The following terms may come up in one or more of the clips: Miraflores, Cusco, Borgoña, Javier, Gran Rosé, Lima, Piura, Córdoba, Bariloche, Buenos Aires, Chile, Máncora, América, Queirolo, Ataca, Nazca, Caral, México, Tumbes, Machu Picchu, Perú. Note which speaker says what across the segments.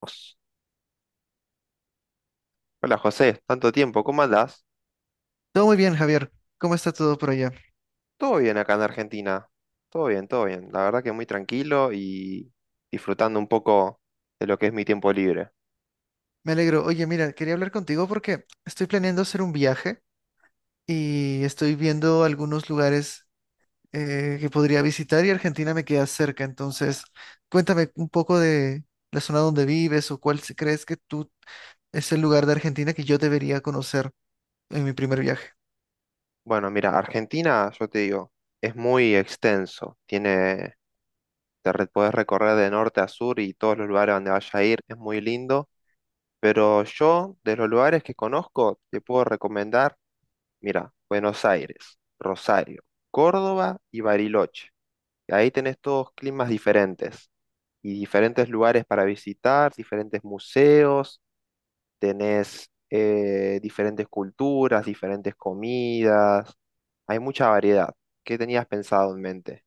Speaker 1: Pues, hola José, tanto tiempo, ¿cómo andás?
Speaker 2: Todo muy bien, Javier. ¿Cómo está todo por allá?
Speaker 1: Todo bien acá en Argentina, todo bien, todo bien. La verdad que muy tranquilo y disfrutando un poco de lo que es mi tiempo libre.
Speaker 2: Me alegro. Oye, mira, quería hablar contigo porque estoy planeando hacer un viaje y estoy viendo algunos lugares que podría visitar, y Argentina me queda cerca. Entonces, cuéntame un poco de la zona donde vives o cuál crees que tú es el lugar de Argentina que yo debería conocer en mi primer viaje.
Speaker 1: Bueno, mira, Argentina, yo te digo, es muy extenso. Tiene, podés recorrer de norte a sur y todos los lugares donde vayas a ir, es muy lindo. Pero yo, de los lugares que conozco, te puedo recomendar. Mira, Buenos Aires, Rosario, Córdoba y Bariloche. Y ahí tenés todos climas diferentes y diferentes lugares para visitar, diferentes museos, tenés diferentes culturas, diferentes comidas. Hay mucha variedad. ¿Qué tenías pensado en mente?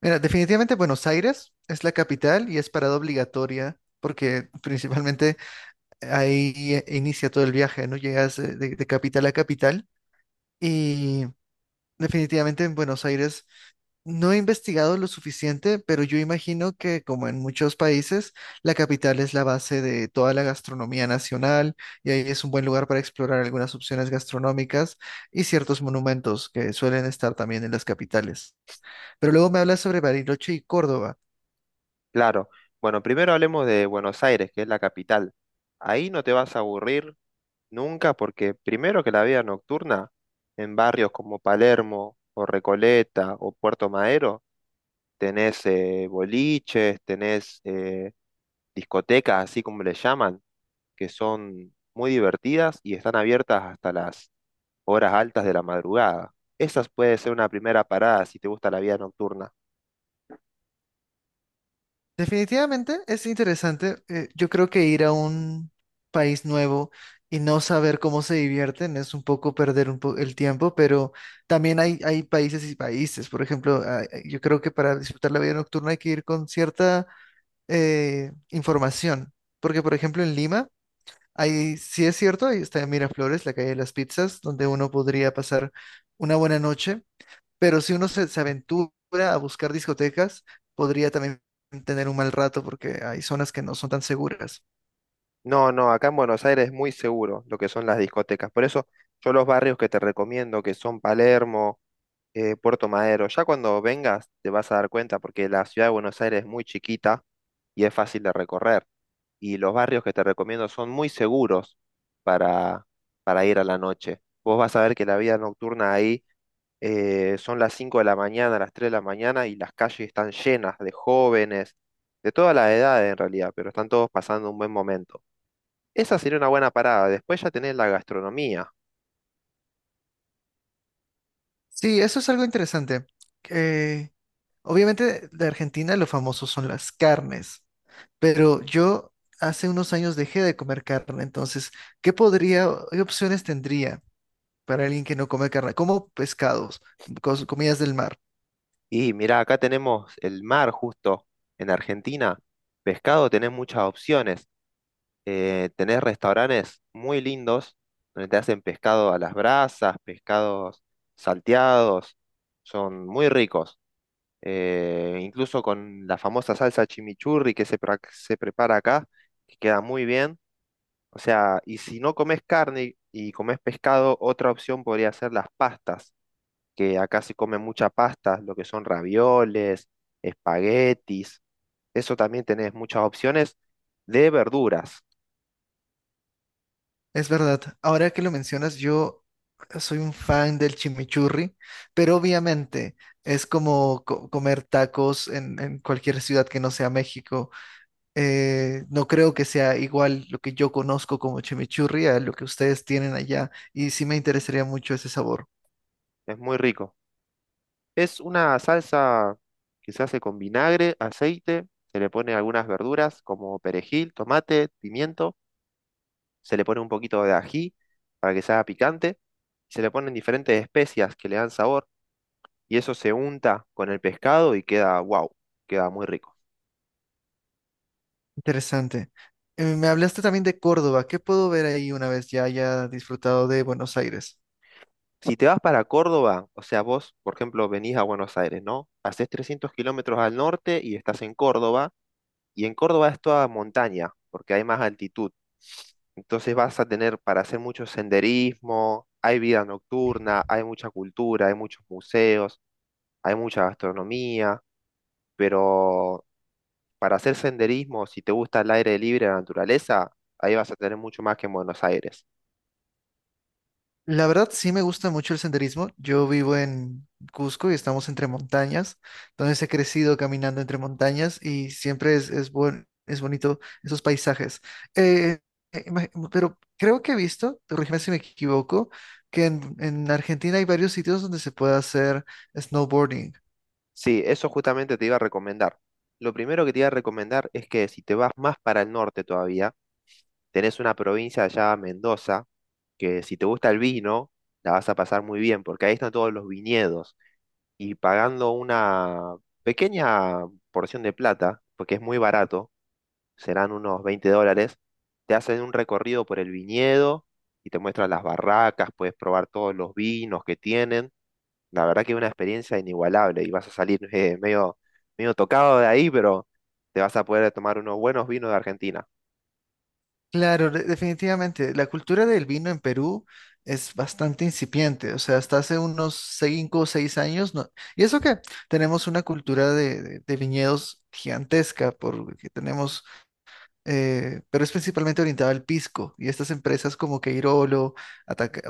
Speaker 2: Mira, definitivamente Buenos Aires es la capital y es parada obligatoria porque principalmente ahí inicia todo el viaje, ¿no? Llegas de capital a capital. Y definitivamente en Buenos Aires no he investigado lo suficiente, pero yo imagino que como en muchos países, la capital es la base de toda la gastronomía nacional y ahí es un buen lugar para explorar algunas opciones gastronómicas y ciertos monumentos que suelen estar también en las capitales. Pero luego me hablas sobre Bariloche y Córdoba.
Speaker 1: Claro. Bueno, primero hablemos de Buenos Aires, que es la capital. Ahí no te vas a aburrir nunca, porque primero que la vida nocturna, en barrios como Palermo o Recoleta o Puerto Madero, tenés boliches, tenés discotecas, así como le llaman, que son muy divertidas y están abiertas hasta las horas altas de la madrugada. Esa puede ser una primera parada si te gusta la vida nocturna.
Speaker 2: Definitivamente es interesante. Yo creo que ir a un país nuevo y no saber cómo se divierten es un poco perder el tiempo, pero también hay países y países. Por ejemplo, ah, yo creo que para disfrutar la vida nocturna hay que ir con cierta información, porque por ejemplo en Lima, ahí sí es cierto, ahí está Miraflores, la calle de las pizzas, donde uno podría pasar una buena noche, pero si uno se aventura a buscar discotecas, podría también tener un mal rato porque hay zonas que no son tan seguras.
Speaker 1: No, no, acá en Buenos Aires es muy seguro lo que son las discotecas. Por eso yo los barrios que te recomiendo, que son Palermo, Puerto Madero. Ya cuando vengas te vas a dar cuenta porque la ciudad de Buenos Aires es muy chiquita y es fácil de recorrer. Y los barrios que te recomiendo son muy seguros para, para ir a la noche. Vos vas a ver que la vida nocturna ahí son las 5 de la mañana, las 3 de la mañana y las calles están llenas de jóvenes, de todas las edades en realidad, pero están todos pasando un buen momento. Esa sería una buena parada. Después ya tenés la gastronomía.
Speaker 2: Sí, eso es algo interesante. Eh, obviamente de Argentina lo famoso son las carnes, pero yo hace unos años dejé de comer carne, entonces, ¿qué podría, qué opciones tendría para alguien que no come carne? Como pescados, comidas del mar.
Speaker 1: Y mira, acá tenemos el mar justo en Argentina. Pescado, tenés muchas opciones. Tenés restaurantes muy lindos donde te hacen pescado a las brasas, pescados salteados. Son muy ricos. Incluso con la famosa salsa chimichurri que se prepara acá, que queda muy bien. O sea, y si no comes carne y comes pescado, otra opción podría ser las pastas que acá se come mucha pasta, lo que son ravioles, espaguetis. Eso también tenés muchas opciones de verduras.
Speaker 2: Es verdad. Ahora que lo mencionas, yo soy un fan del chimichurri, pero obviamente es como comer tacos en cualquier ciudad que no sea México. No creo que sea igual lo que yo conozco como chimichurri a lo que ustedes tienen allá, y sí me interesaría mucho ese sabor.
Speaker 1: Es muy rico. Es una salsa que se hace con vinagre, aceite, se le pone algunas verduras como perejil, tomate, pimiento, se le pone un poquito de ají para que sea picante, se le ponen diferentes especias que le dan sabor y eso se unta con el pescado y queda wow, queda muy rico.
Speaker 2: Interesante. Me hablaste también de Córdoba. ¿Qué puedo ver ahí una vez ya haya disfrutado de Buenos Aires?
Speaker 1: Si te vas para Córdoba, o sea, vos, por ejemplo, venís a Buenos Aires, ¿no? Hacés 300 kilómetros al norte y estás en Córdoba, y en Córdoba es toda montaña, porque hay más altitud. Entonces vas a tener para hacer mucho senderismo, hay vida nocturna, hay mucha cultura, hay muchos museos, hay mucha gastronomía, pero para hacer senderismo, si te gusta el aire libre, la naturaleza, ahí vas a tener mucho más que en Buenos Aires.
Speaker 2: La verdad sí me gusta mucho el senderismo. Yo vivo en Cusco y estamos entre montañas. Entonces he crecido caminando entre montañas y siempre es bonito esos paisajes. Eh, pero creo que he visto, corrígeme si me equivoco, que en Argentina hay varios sitios donde se puede hacer snowboarding.
Speaker 1: Sí, eso justamente te iba a recomendar. Lo primero que te iba a recomendar es que si te vas más para el norte todavía, tenés una provincia allá, Mendoza, que si te gusta el vino, la vas a pasar muy bien, porque ahí están todos los viñedos. Y pagando una pequeña porción de plata, porque es muy barato, serán unos 20 dólares, te hacen un recorrido por el viñedo y te muestran las barracas, puedes probar todos los vinos que tienen la verdad que es una experiencia inigualable y vas a salir medio, medio tocado de ahí, pero te vas a poder tomar unos buenos vinos de Argentina.
Speaker 2: Claro, definitivamente. La cultura del vino en Perú es bastante incipiente. O sea, hasta hace unos cinco o seis años, no. Y eso que tenemos una cultura de viñedos gigantesca, porque tenemos, pero es principalmente orientada al pisco. Y estas empresas como Queirolo, Ataca,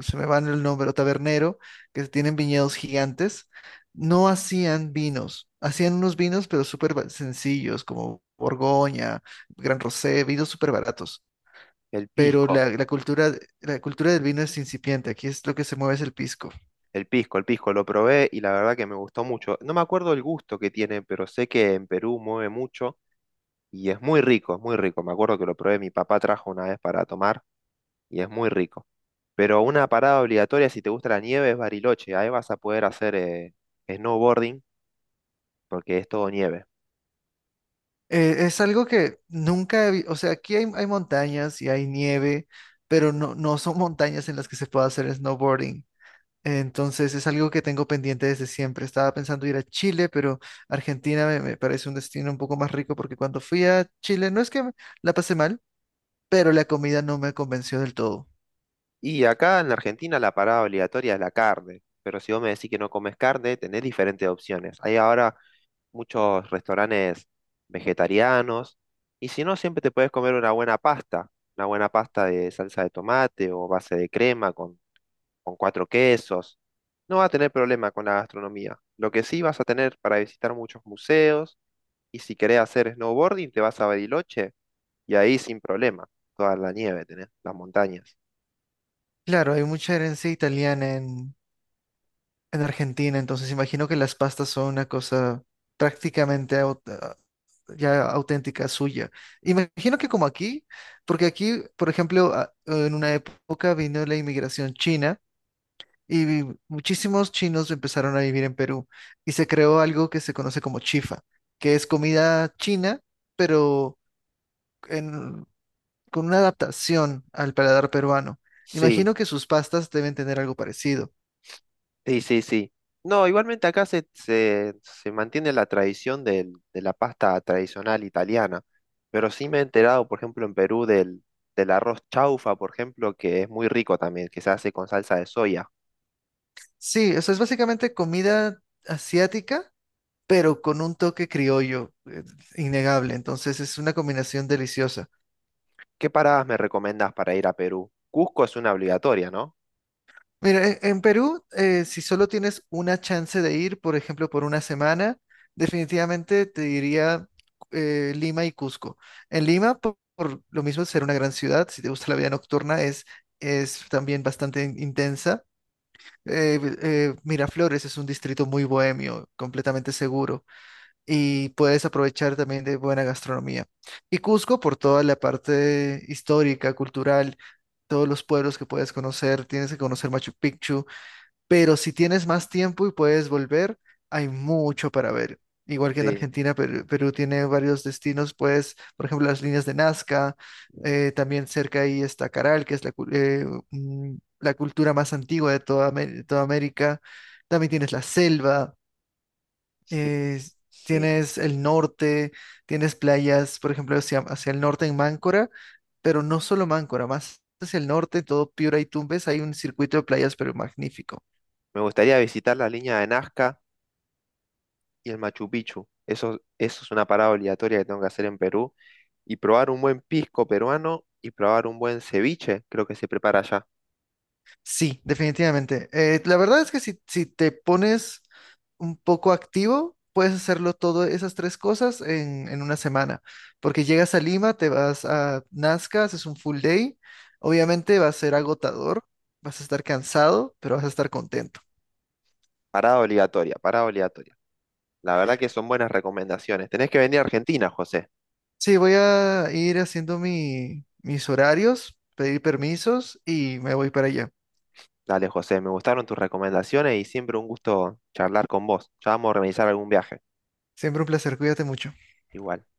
Speaker 2: se me van el nombre, tabernero, que tienen viñedos gigantes, no hacían vinos. Hacían unos vinos, pero sencillos, como Borgoña, Gran Rosé, vinos súper baratos.
Speaker 1: El
Speaker 2: Pero
Speaker 1: pisco,
Speaker 2: la cultura del vino es incipiente. Aquí es lo que se mueve es el pisco.
Speaker 1: el pisco, el pisco lo probé y la verdad que me gustó mucho. No me acuerdo el gusto que tiene, pero sé que en Perú mueve mucho y es muy rico, es muy rico. Me acuerdo que lo probé, mi papá trajo una vez para tomar y es muy rico. Pero una parada obligatoria si te gusta la nieve es Bariloche. Ahí vas a poder hacer snowboarding porque es todo nieve.
Speaker 2: Es algo que nunca o sea, aquí hay montañas y hay nieve, pero no son montañas en las que se pueda hacer snowboarding. Entonces es algo que tengo pendiente desde siempre. Estaba pensando ir a Chile, pero Argentina me parece un destino un poco más rico porque cuando fui a Chile no es que me la pasé mal, pero la comida no me convenció del todo.
Speaker 1: Y acá en Argentina la parada obligatoria es la carne, pero si vos me decís que no comes carne, tenés diferentes opciones. Hay ahora muchos restaurantes vegetarianos y si no, siempre te puedes comer una buena pasta de salsa de tomate o base de crema con cuatro quesos. No vas a tener problema con la gastronomía. Lo que sí vas a tener para visitar muchos museos y si querés hacer snowboarding, te vas a Bariloche y ahí sin problema, toda la nieve tenés, las montañas.
Speaker 2: Claro, hay mucha herencia italiana en Argentina, entonces imagino que las pastas son una cosa prácticamente ya auténtica suya. Imagino que como aquí, porque aquí, por ejemplo, en una época vino la inmigración china. Y muchísimos chinos empezaron a vivir en Perú y se creó algo que se conoce como chifa, que es comida china, pero en- con una adaptación al paladar peruano.
Speaker 1: Sí,
Speaker 2: Imagino que sus pastas deben tener algo parecido.
Speaker 1: sí, sí, sí. No, igualmente acá se mantiene la tradición de la pasta tradicional italiana, pero sí me he enterado, por ejemplo, en Perú del, del arroz chaufa, por ejemplo, que es muy rico también, que se hace con salsa de soya.
Speaker 2: Sí, eso es básicamente comida asiática, pero con un toque criollo, innegable. Entonces es una combinación deliciosa.
Speaker 1: ¿Qué paradas me recomendás para ir a Perú? Cusco es una obligatoria, ¿no?
Speaker 2: Mira, en Perú, si solo tienes una chance de ir, por ejemplo, por una semana, definitivamente te diría Lima y Cusco. En Lima, lo mismo, ser una gran ciudad, si te gusta la vida nocturna, es también bastante intensa. Miraflores es un distrito muy bohemio, completamente seguro, y puedes aprovechar también de buena gastronomía. Y Cusco, por toda la parte histórica, cultural, todos los pueblos que puedes conocer, tienes que conocer Machu Picchu, pero si tienes más tiempo y puedes volver, hay mucho para ver. Igual que en
Speaker 1: Sí,
Speaker 2: Argentina, Perú tiene varios destinos, pues, por ejemplo, las líneas de Nazca, también cerca ahí está Caral, que es mm, la cultura más antigua de de toda América. También tienes la selva,
Speaker 1: sí,
Speaker 2: eh,
Speaker 1: sí.
Speaker 2: tienes el norte, tienes playas, por ejemplo, hacia el norte en Máncora, pero no solo Máncora, más hacia el norte, todo Piura y Tumbes, hay un circuito de playas, pero magnífico.
Speaker 1: Me gustaría visitar la línea de Nazca, y el Machu Picchu. Eso es una parada obligatoria que tengo que hacer en Perú. Y probar un buen pisco peruano y probar un buen ceviche, creo que se prepara allá.
Speaker 2: Sí, definitivamente. La verdad es que si te pones un poco activo, puedes hacerlo todo esas 3 cosas en una semana, porque llegas a Lima, te vas a Nazca, haces un full day, obviamente va a ser agotador, vas a estar cansado, pero vas a estar contento.
Speaker 1: Parada obligatoria, parada obligatoria. La verdad que son buenas recomendaciones. Tenés que venir a Argentina, José.
Speaker 2: Sí, voy a ir haciendo mis horarios, pedir permisos y me voy para allá.
Speaker 1: Dale, José, me gustaron tus recomendaciones y siempre un gusto charlar con vos. Ya vamos a organizar algún viaje,
Speaker 2: Siempre un placer, cuídate mucho.
Speaker 1: igual.